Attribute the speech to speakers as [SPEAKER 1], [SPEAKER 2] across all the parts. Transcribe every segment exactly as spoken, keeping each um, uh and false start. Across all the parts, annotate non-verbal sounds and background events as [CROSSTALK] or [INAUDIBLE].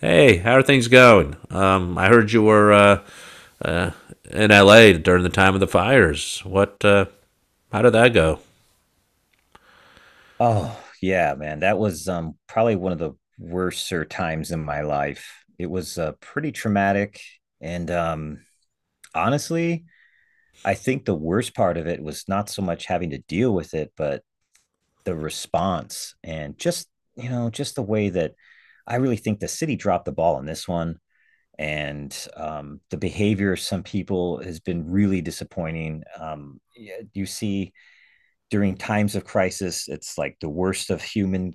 [SPEAKER 1] Hey, how are things going? Um, I heard you were uh, uh, in L A during the time of the fires. What? Uh, how did that go?
[SPEAKER 2] Oh, yeah, man. That was um probably one of the worser times in my life. It was uh, pretty traumatic and um honestly, I think the worst part of it was not so much having to deal with it, but the response and just, you know, just the way that I really think the city dropped the ball on this one. And um, the behavior of some people has been really disappointing. Um, yeah, you see, during times of crisis, it's like the worst of human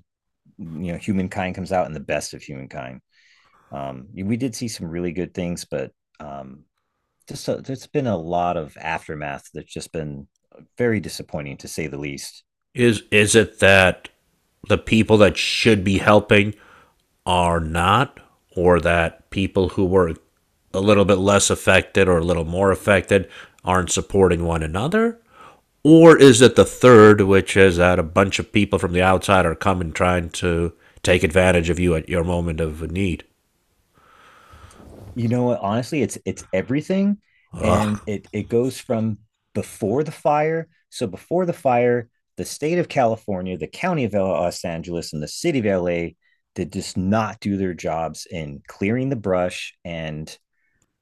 [SPEAKER 2] you know humankind comes out in the best of humankind. Um, we did see some really good things, but um, just a, there's been a lot of aftermath that's just been very disappointing to say the least.
[SPEAKER 1] Is is it that the people that should be helping are not, or that people who were a little bit less affected or a little more affected aren't supporting one another? Or is it the third, which is that a bunch of people from the outside are coming trying to take advantage of you at your moment of need?
[SPEAKER 2] You know what? Honestly, it's it's everything, and
[SPEAKER 1] Ugh.
[SPEAKER 2] it it goes from before the fire. So before the fire, the state of California, the county of Los Angeles, and the city of L A did just not do their jobs in clearing the brush and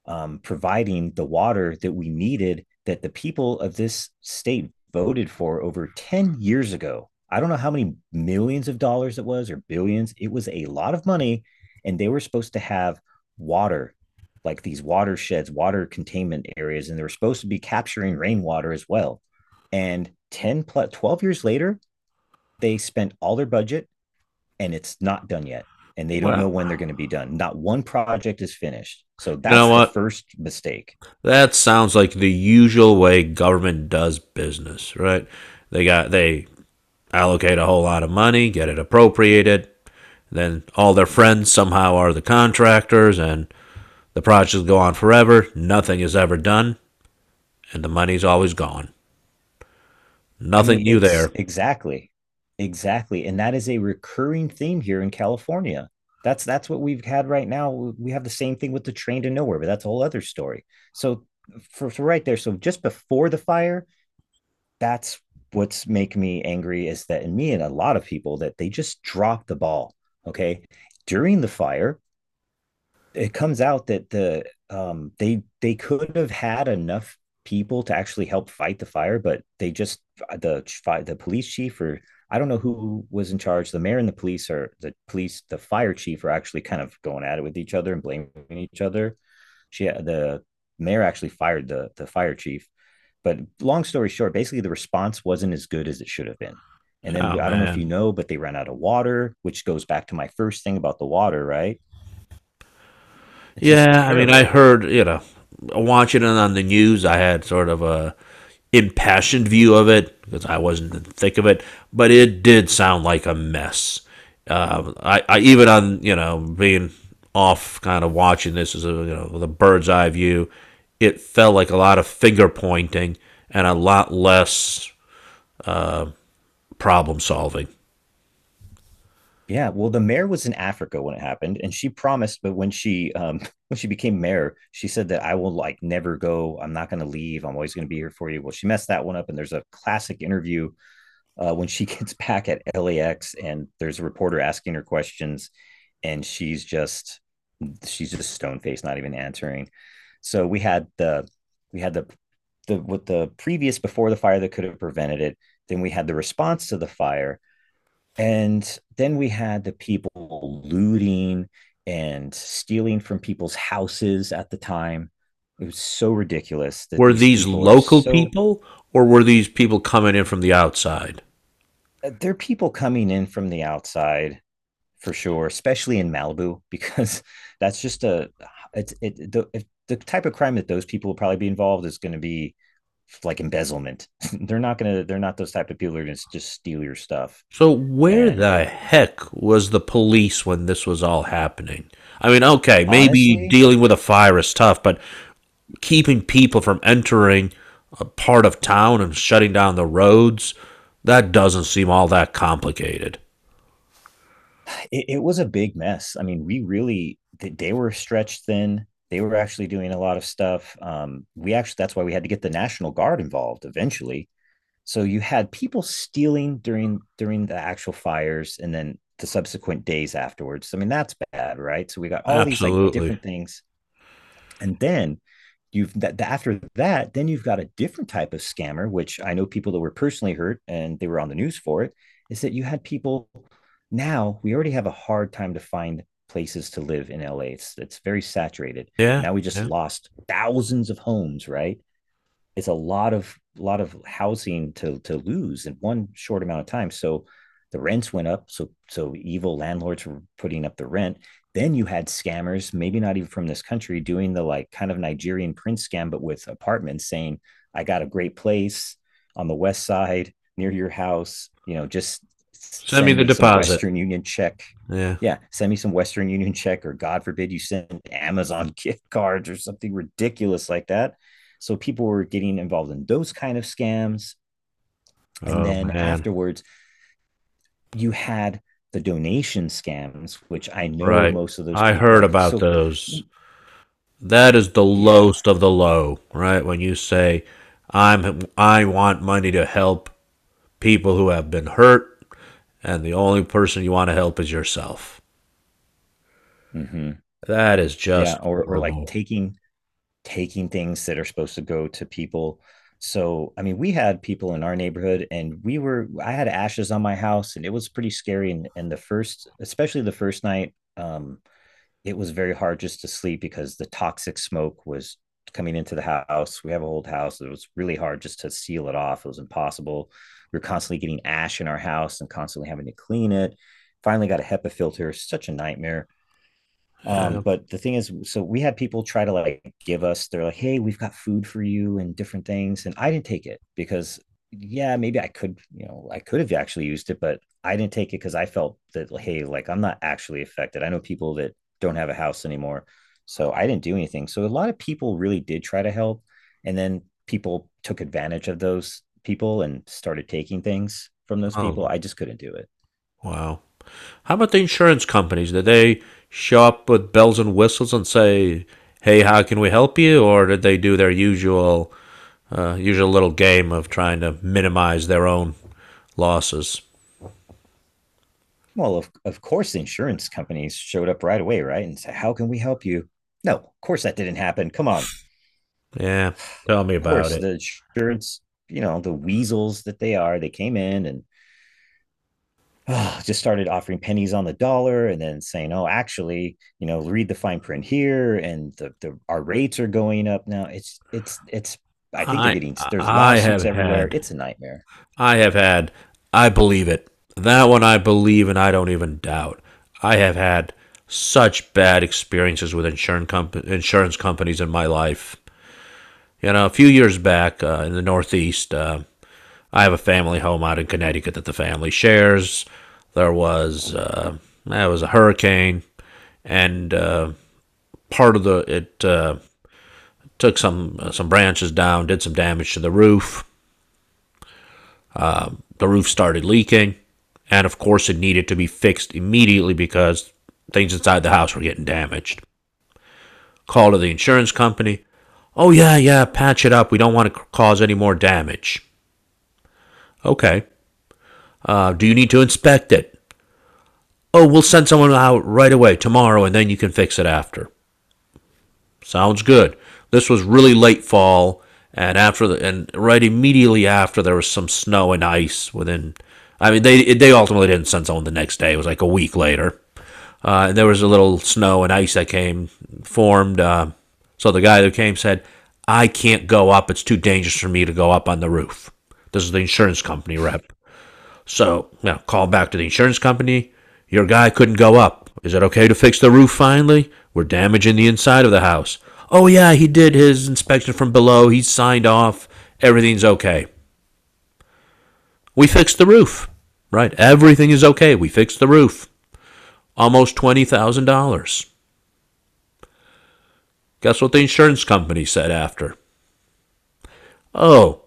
[SPEAKER 2] um, providing the water that we needed that the people of this state voted for over ten years ago. I don't know how many millions of dollars it was or billions. It was a lot of money. And they were supposed to have water, like these watersheds, water containment areas. And they were supposed to be capturing rainwater as well. And ten plus twelve years later, they spent all their budget and it's not done yet and they don't know
[SPEAKER 1] Well,
[SPEAKER 2] when they're going to be done, not one project is finished, so
[SPEAKER 1] you know
[SPEAKER 2] that's the
[SPEAKER 1] what?
[SPEAKER 2] first mistake.
[SPEAKER 1] That sounds like the usual way government does business, right? They got they allocate a whole lot of money, get it appropriated, then all their friends somehow are the contractors and the projects go on forever, nothing is ever done, and the money's always gone.
[SPEAKER 2] i
[SPEAKER 1] Nothing
[SPEAKER 2] mean
[SPEAKER 1] new
[SPEAKER 2] it's
[SPEAKER 1] there.
[SPEAKER 2] exactly exactly, and that is a recurring theme here in California. That's that's what we've had right now. We have the same thing with the train to nowhere, but that's a whole other story. So for, for right there, so just before the fire, that's what's making me angry is that in me and a lot of people that they just dropped the ball. Okay, during the fire it comes out that the um, they they could have had enough people to actually help fight the fire, but they just uh, the the police chief or I don't know who was in charge. The mayor and the police are the police, the fire chief are actually kind of going at it with each other and blaming each other. She uh, the mayor actually fired the the fire chief. But long story short, basically the response wasn't as good as it should have been. And
[SPEAKER 1] Oh
[SPEAKER 2] then I don't know if
[SPEAKER 1] man.
[SPEAKER 2] you know, but they ran out of water, which goes back to my first thing about the water, right? It's just
[SPEAKER 1] Yeah, I mean, I
[SPEAKER 2] terrible.
[SPEAKER 1] heard, you know, watching it on the news, I had sort of a impassioned view of it because I wasn't in the thick of it, but it did sound like a mess. Um, I, I even on you know being off, kind of watching this as a you know with a bird's eye view, it felt like a lot of finger pointing and a lot less uh, problem solving.
[SPEAKER 2] Yeah, well, the mayor was in Africa when it happened, and she promised, but when she um [LAUGHS] when she became mayor, she said that I will like never go. I'm not going to leave. I'm always going to be here for you. Well, she messed that one up, and there's a classic interview uh, when she [LAUGHS] gets back at L A X, and there's a reporter asking her questions, and she's just she's just stone faced, not even answering. So we had the we had the the with the previous before the fire that could have prevented it. Then we had the response to the fire, and then we had the people looting and stealing from people's houses at the time. It was so ridiculous that
[SPEAKER 1] Were
[SPEAKER 2] these
[SPEAKER 1] these
[SPEAKER 2] people are
[SPEAKER 1] local
[SPEAKER 2] so,
[SPEAKER 1] people or were these people coming in from the outside?
[SPEAKER 2] they're people coming in from the outside for sure, especially in Malibu, [LAUGHS] because that's just a, it's, it, the, if the type of crime that those people will probably be involved is going to be like embezzlement. [LAUGHS] They're not going to, they're not those type of people who are going to just steal your stuff.
[SPEAKER 1] So where
[SPEAKER 2] And
[SPEAKER 1] the
[SPEAKER 2] it
[SPEAKER 1] heck was the police when this was all happening? I mean, okay, maybe
[SPEAKER 2] honestly,
[SPEAKER 1] dealing with a fire is tough, but keeping people from entering a part of town and shutting down the roads, that doesn't seem all that complicated.
[SPEAKER 2] it, it was a big mess. I mean, we really they were stretched thin. They were actually doing a lot of stuff. Um, we actually that's why we had to get the National Guard involved eventually. So you had people stealing during during the actual fires and then the subsequent days afterwards. I mean, that's bad, right? So we got all these like
[SPEAKER 1] Absolutely.
[SPEAKER 2] different things, and then you've that after that, then you've got a different type of scammer, which I know people that were personally hurt and they were on the news for it, is that you had people, now we already have a hard time to find places to live in L A. It's it's very saturated.
[SPEAKER 1] Yeah,
[SPEAKER 2] Now we just
[SPEAKER 1] yeah.
[SPEAKER 2] lost thousands of homes, right? It's a lot of lot of housing to to lose in one short amount of time. So the rents went up. So so evil landlords were putting up the rent. Then you had scammers, maybe not even from this country, doing the like kind of Nigerian prince scam, but with apartments saying, I got a great place on the west side near your house. You know, just
[SPEAKER 1] Send me
[SPEAKER 2] send
[SPEAKER 1] the
[SPEAKER 2] me some
[SPEAKER 1] deposit.
[SPEAKER 2] Western Union check.
[SPEAKER 1] Yeah.
[SPEAKER 2] Yeah, send me some Western Union check, or God forbid you send Amazon [LAUGHS] gift cards or something ridiculous like that, so people were getting involved in those kind of scams. And
[SPEAKER 1] Oh
[SPEAKER 2] then
[SPEAKER 1] man.
[SPEAKER 2] afterwards, you had the donation scams, which I know
[SPEAKER 1] Right.
[SPEAKER 2] most of those
[SPEAKER 1] I
[SPEAKER 2] people
[SPEAKER 1] heard
[SPEAKER 2] like.
[SPEAKER 1] about
[SPEAKER 2] So,
[SPEAKER 1] those. That is the
[SPEAKER 2] yeah,
[SPEAKER 1] lowest of the low, right? When you say I'm I want money to help people who have been hurt, and the only person you want to help is yourself.
[SPEAKER 2] hmm,
[SPEAKER 1] That is
[SPEAKER 2] yeah,
[SPEAKER 1] just
[SPEAKER 2] or or like
[SPEAKER 1] horrible.
[SPEAKER 2] taking taking things that are supposed to go to people. So, I mean, we had people in our neighborhood, and we were, I had ashes on my house, and it was pretty scary. And and the first, especially the first night, um, it was very hard just to sleep because the toxic smoke was coming into the house. We have an old house. It was really hard just to seal it off. It was impossible. We were constantly getting ash in our house and constantly having to clean it. Finally got a HEPA filter, such a nightmare. Um,
[SPEAKER 1] Yeah.
[SPEAKER 2] but the thing is, so we had people try to like give us, they're like, hey, we've got food for you and different things. And I didn't take it because, yeah, maybe I could, you know, I could have actually used it, but I didn't take it because I felt that, like, hey, like I'm not actually affected. I know people that don't have a house anymore. So I didn't do anything. So a lot of people really did try to help. And then people took advantage of those people and started taking things from those
[SPEAKER 1] Oh,
[SPEAKER 2] people. I just couldn't do it.
[SPEAKER 1] wow. How about the insurance companies? Did they show up with bells and whistles and say, "Hey, how can we help you?" Or did they do their usual, uh, usual little game of trying to minimize their own losses?
[SPEAKER 2] Well, of, of course, the insurance companies showed up right away, right? And said, how can we help you? No, of course, that didn't happen. Come on. Of
[SPEAKER 1] Yeah. Tell me about
[SPEAKER 2] course,
[SPEAKER 1] it.
[SPEAKER 2] the insurance, you know, the weasels that they are, they came in and oh, just started offering pennies on the dollar and then saying, oh, actually, you know, read the fine print here and the, the our rates are going up now. It's, it's, it's, I think they're
[SPEAKER 1] I
[SPEAKER 2] getting, there's
[SPEAKER 1] I
[SPEAKER 2] lawsuits
[SPEAKER 1] have
[SPEAKER 2] everywhere.
[SPEAKER 1] had
[SPEAKER 2] It's a nightmare.
[SPEAKER 1] I have had, I believe it. That one I believe and I don't even doubt. I have had such bad experiences with insurance, comp- insurance companies in my life. You know, a few years back uh, in the Northeast, uh, I have a family home out in Connecticut that the family shares. There was uh, there was a hurricane, and uh, part of the it uh, took some uh, some branches down, did some damage to the roof. The roof started leaking, and of course, it needed to be fixed immediately because things inside the house were getting damaged. Call to the insurance company. Oh, yeah, yeah, patch it up. We don't want to cause any more damage. Okay. Uh, do you need to inspect it? Oh, we'll send someone out right away tomorrow and then you can fix it after. Sounds good. This was really late fall and after the and right immediately after there was some snow and ice within I mean they they ultimately didn't send someone the next day. It was like a week later. Uh, there was a little snow and ice that came formed. Uh, so the guy who came said, "I can't go up. It's too dangerous for me to go up on the roof." This is the insurance company rep. So you know, call back to the insurance company. Your guy couldn't go up. Is it okay to fix the roof finally? We're damaging the inside of the house. Oh yeah, he did his inspection from below. He signed off. Everything's okay. We fixed the roof. Right. Everything is okay. We fixed the roof. Almost twenty thousand dollars. Guess what the insurance company said after. Oh,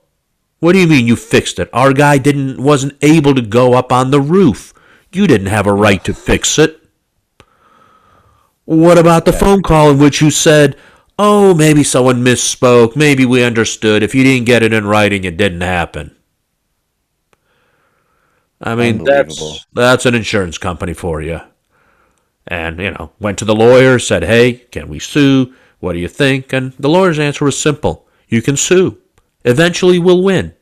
[SPEAKER 1] what do you mean you fixed it? Our guy didn't wasn't able to go up on the roof. You didn't have a right to
[SPEAKER 2] Oh,
[SPEAKER 1] fix it. What about the
[SPEAKER 2] that's
[SPEAKER 1] phone call in which you
[SPEAKER 2] ridiculous.
[SPEAKER 1] said, "Oh, maybe someone misspoke. Maybe we understood. If you didn't get it in writing, it didn't happen." I mean,
[SPEAKER 2] Unbelievable.
[SPEAKER 1] that's that's an insurance company for you. And, you know, went to the lawyer, said, hey, can we sue? What do you think? And the lawyer's answer was simple, you can sue. Eventually, we'll win.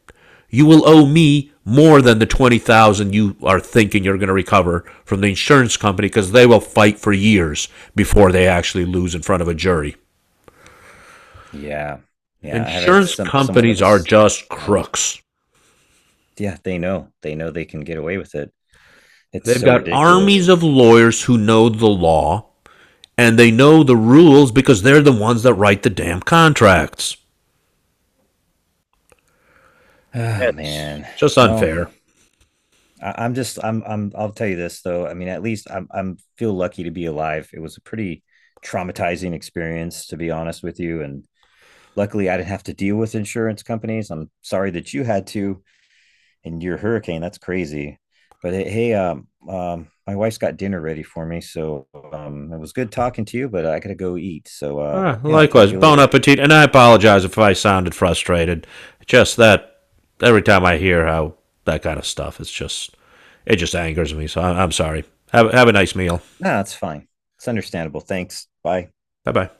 [SPEAKER 1] You will owe me more than the twenty thousand you are thinking you're going to recover from the insurance company because they will fight for years before they actually lose in front of a jury.
[SPEAKER 2] Yeah. Yeah. I have a
[SPEAKER 1] Insurance
[SPEAKER 2] some somewhat of
[SPEAKER 1] companies
[SPEAKER 2] a
[SPEAKER 1] are
[SPEAKER 2] s-
[SPEAKER 1] just
[SPEAKER 2] yeah.
[SPEAKER 1] crooks.
[SPEAKER 2] Yeah, they know. They know they can get away with it. It's
[SPEAKER 1] They've
[SPEAKER 2] so
[SPEAKER 1] got
[SPEAKER 2] ridiculous.
[SPEAKER 1] armies of lawyers who know the law and they know the rules because they're the ones that write the damn contracts.
[SPEAKER 2] Oh
[SPEAKER 1] It's
[SPEAKER 2] man.
[SPEAKER 1] just
[SPEAKER 2] Well,
[SPEAKER 1] unfair.
[SPEAKER 2] I, I'm just I'm I'm I'll tell you this though. I mean, at least I'm I'm feel lucky to be alive. It was a pretty traumatizing experience, to be honest with you. And luckily I didn't have to deal with insurance companies. I'm sorry that you had to, and your hurricane. That's crazy. But hey, hey, um, um, my wife's got dinner ready for me, so um, it was good talking to you. But I gotta go eat. So
[SPEAKER 1] All
[SPEAKER 2] uh,
[SPEAKER 1] right,
[SPEAKER 2] yeah, I'll talk
[SPEAKER 1] likewise,
[SPEAKER 2] to you
[SPEAKER 1] bon
[SPEAKER 2] later.
[SPEAKER 1] appetit, and I apologize if I sounded frustrated. Just that every time I hear how that kind of stuff, it's just it just angers me. So I- I'm sorry. Have have a nice meal.
[SPEAKER 2] No, nah, it's fine. It's understandable. Thanks. Bye.
[SPEAKER 1] Bye bye.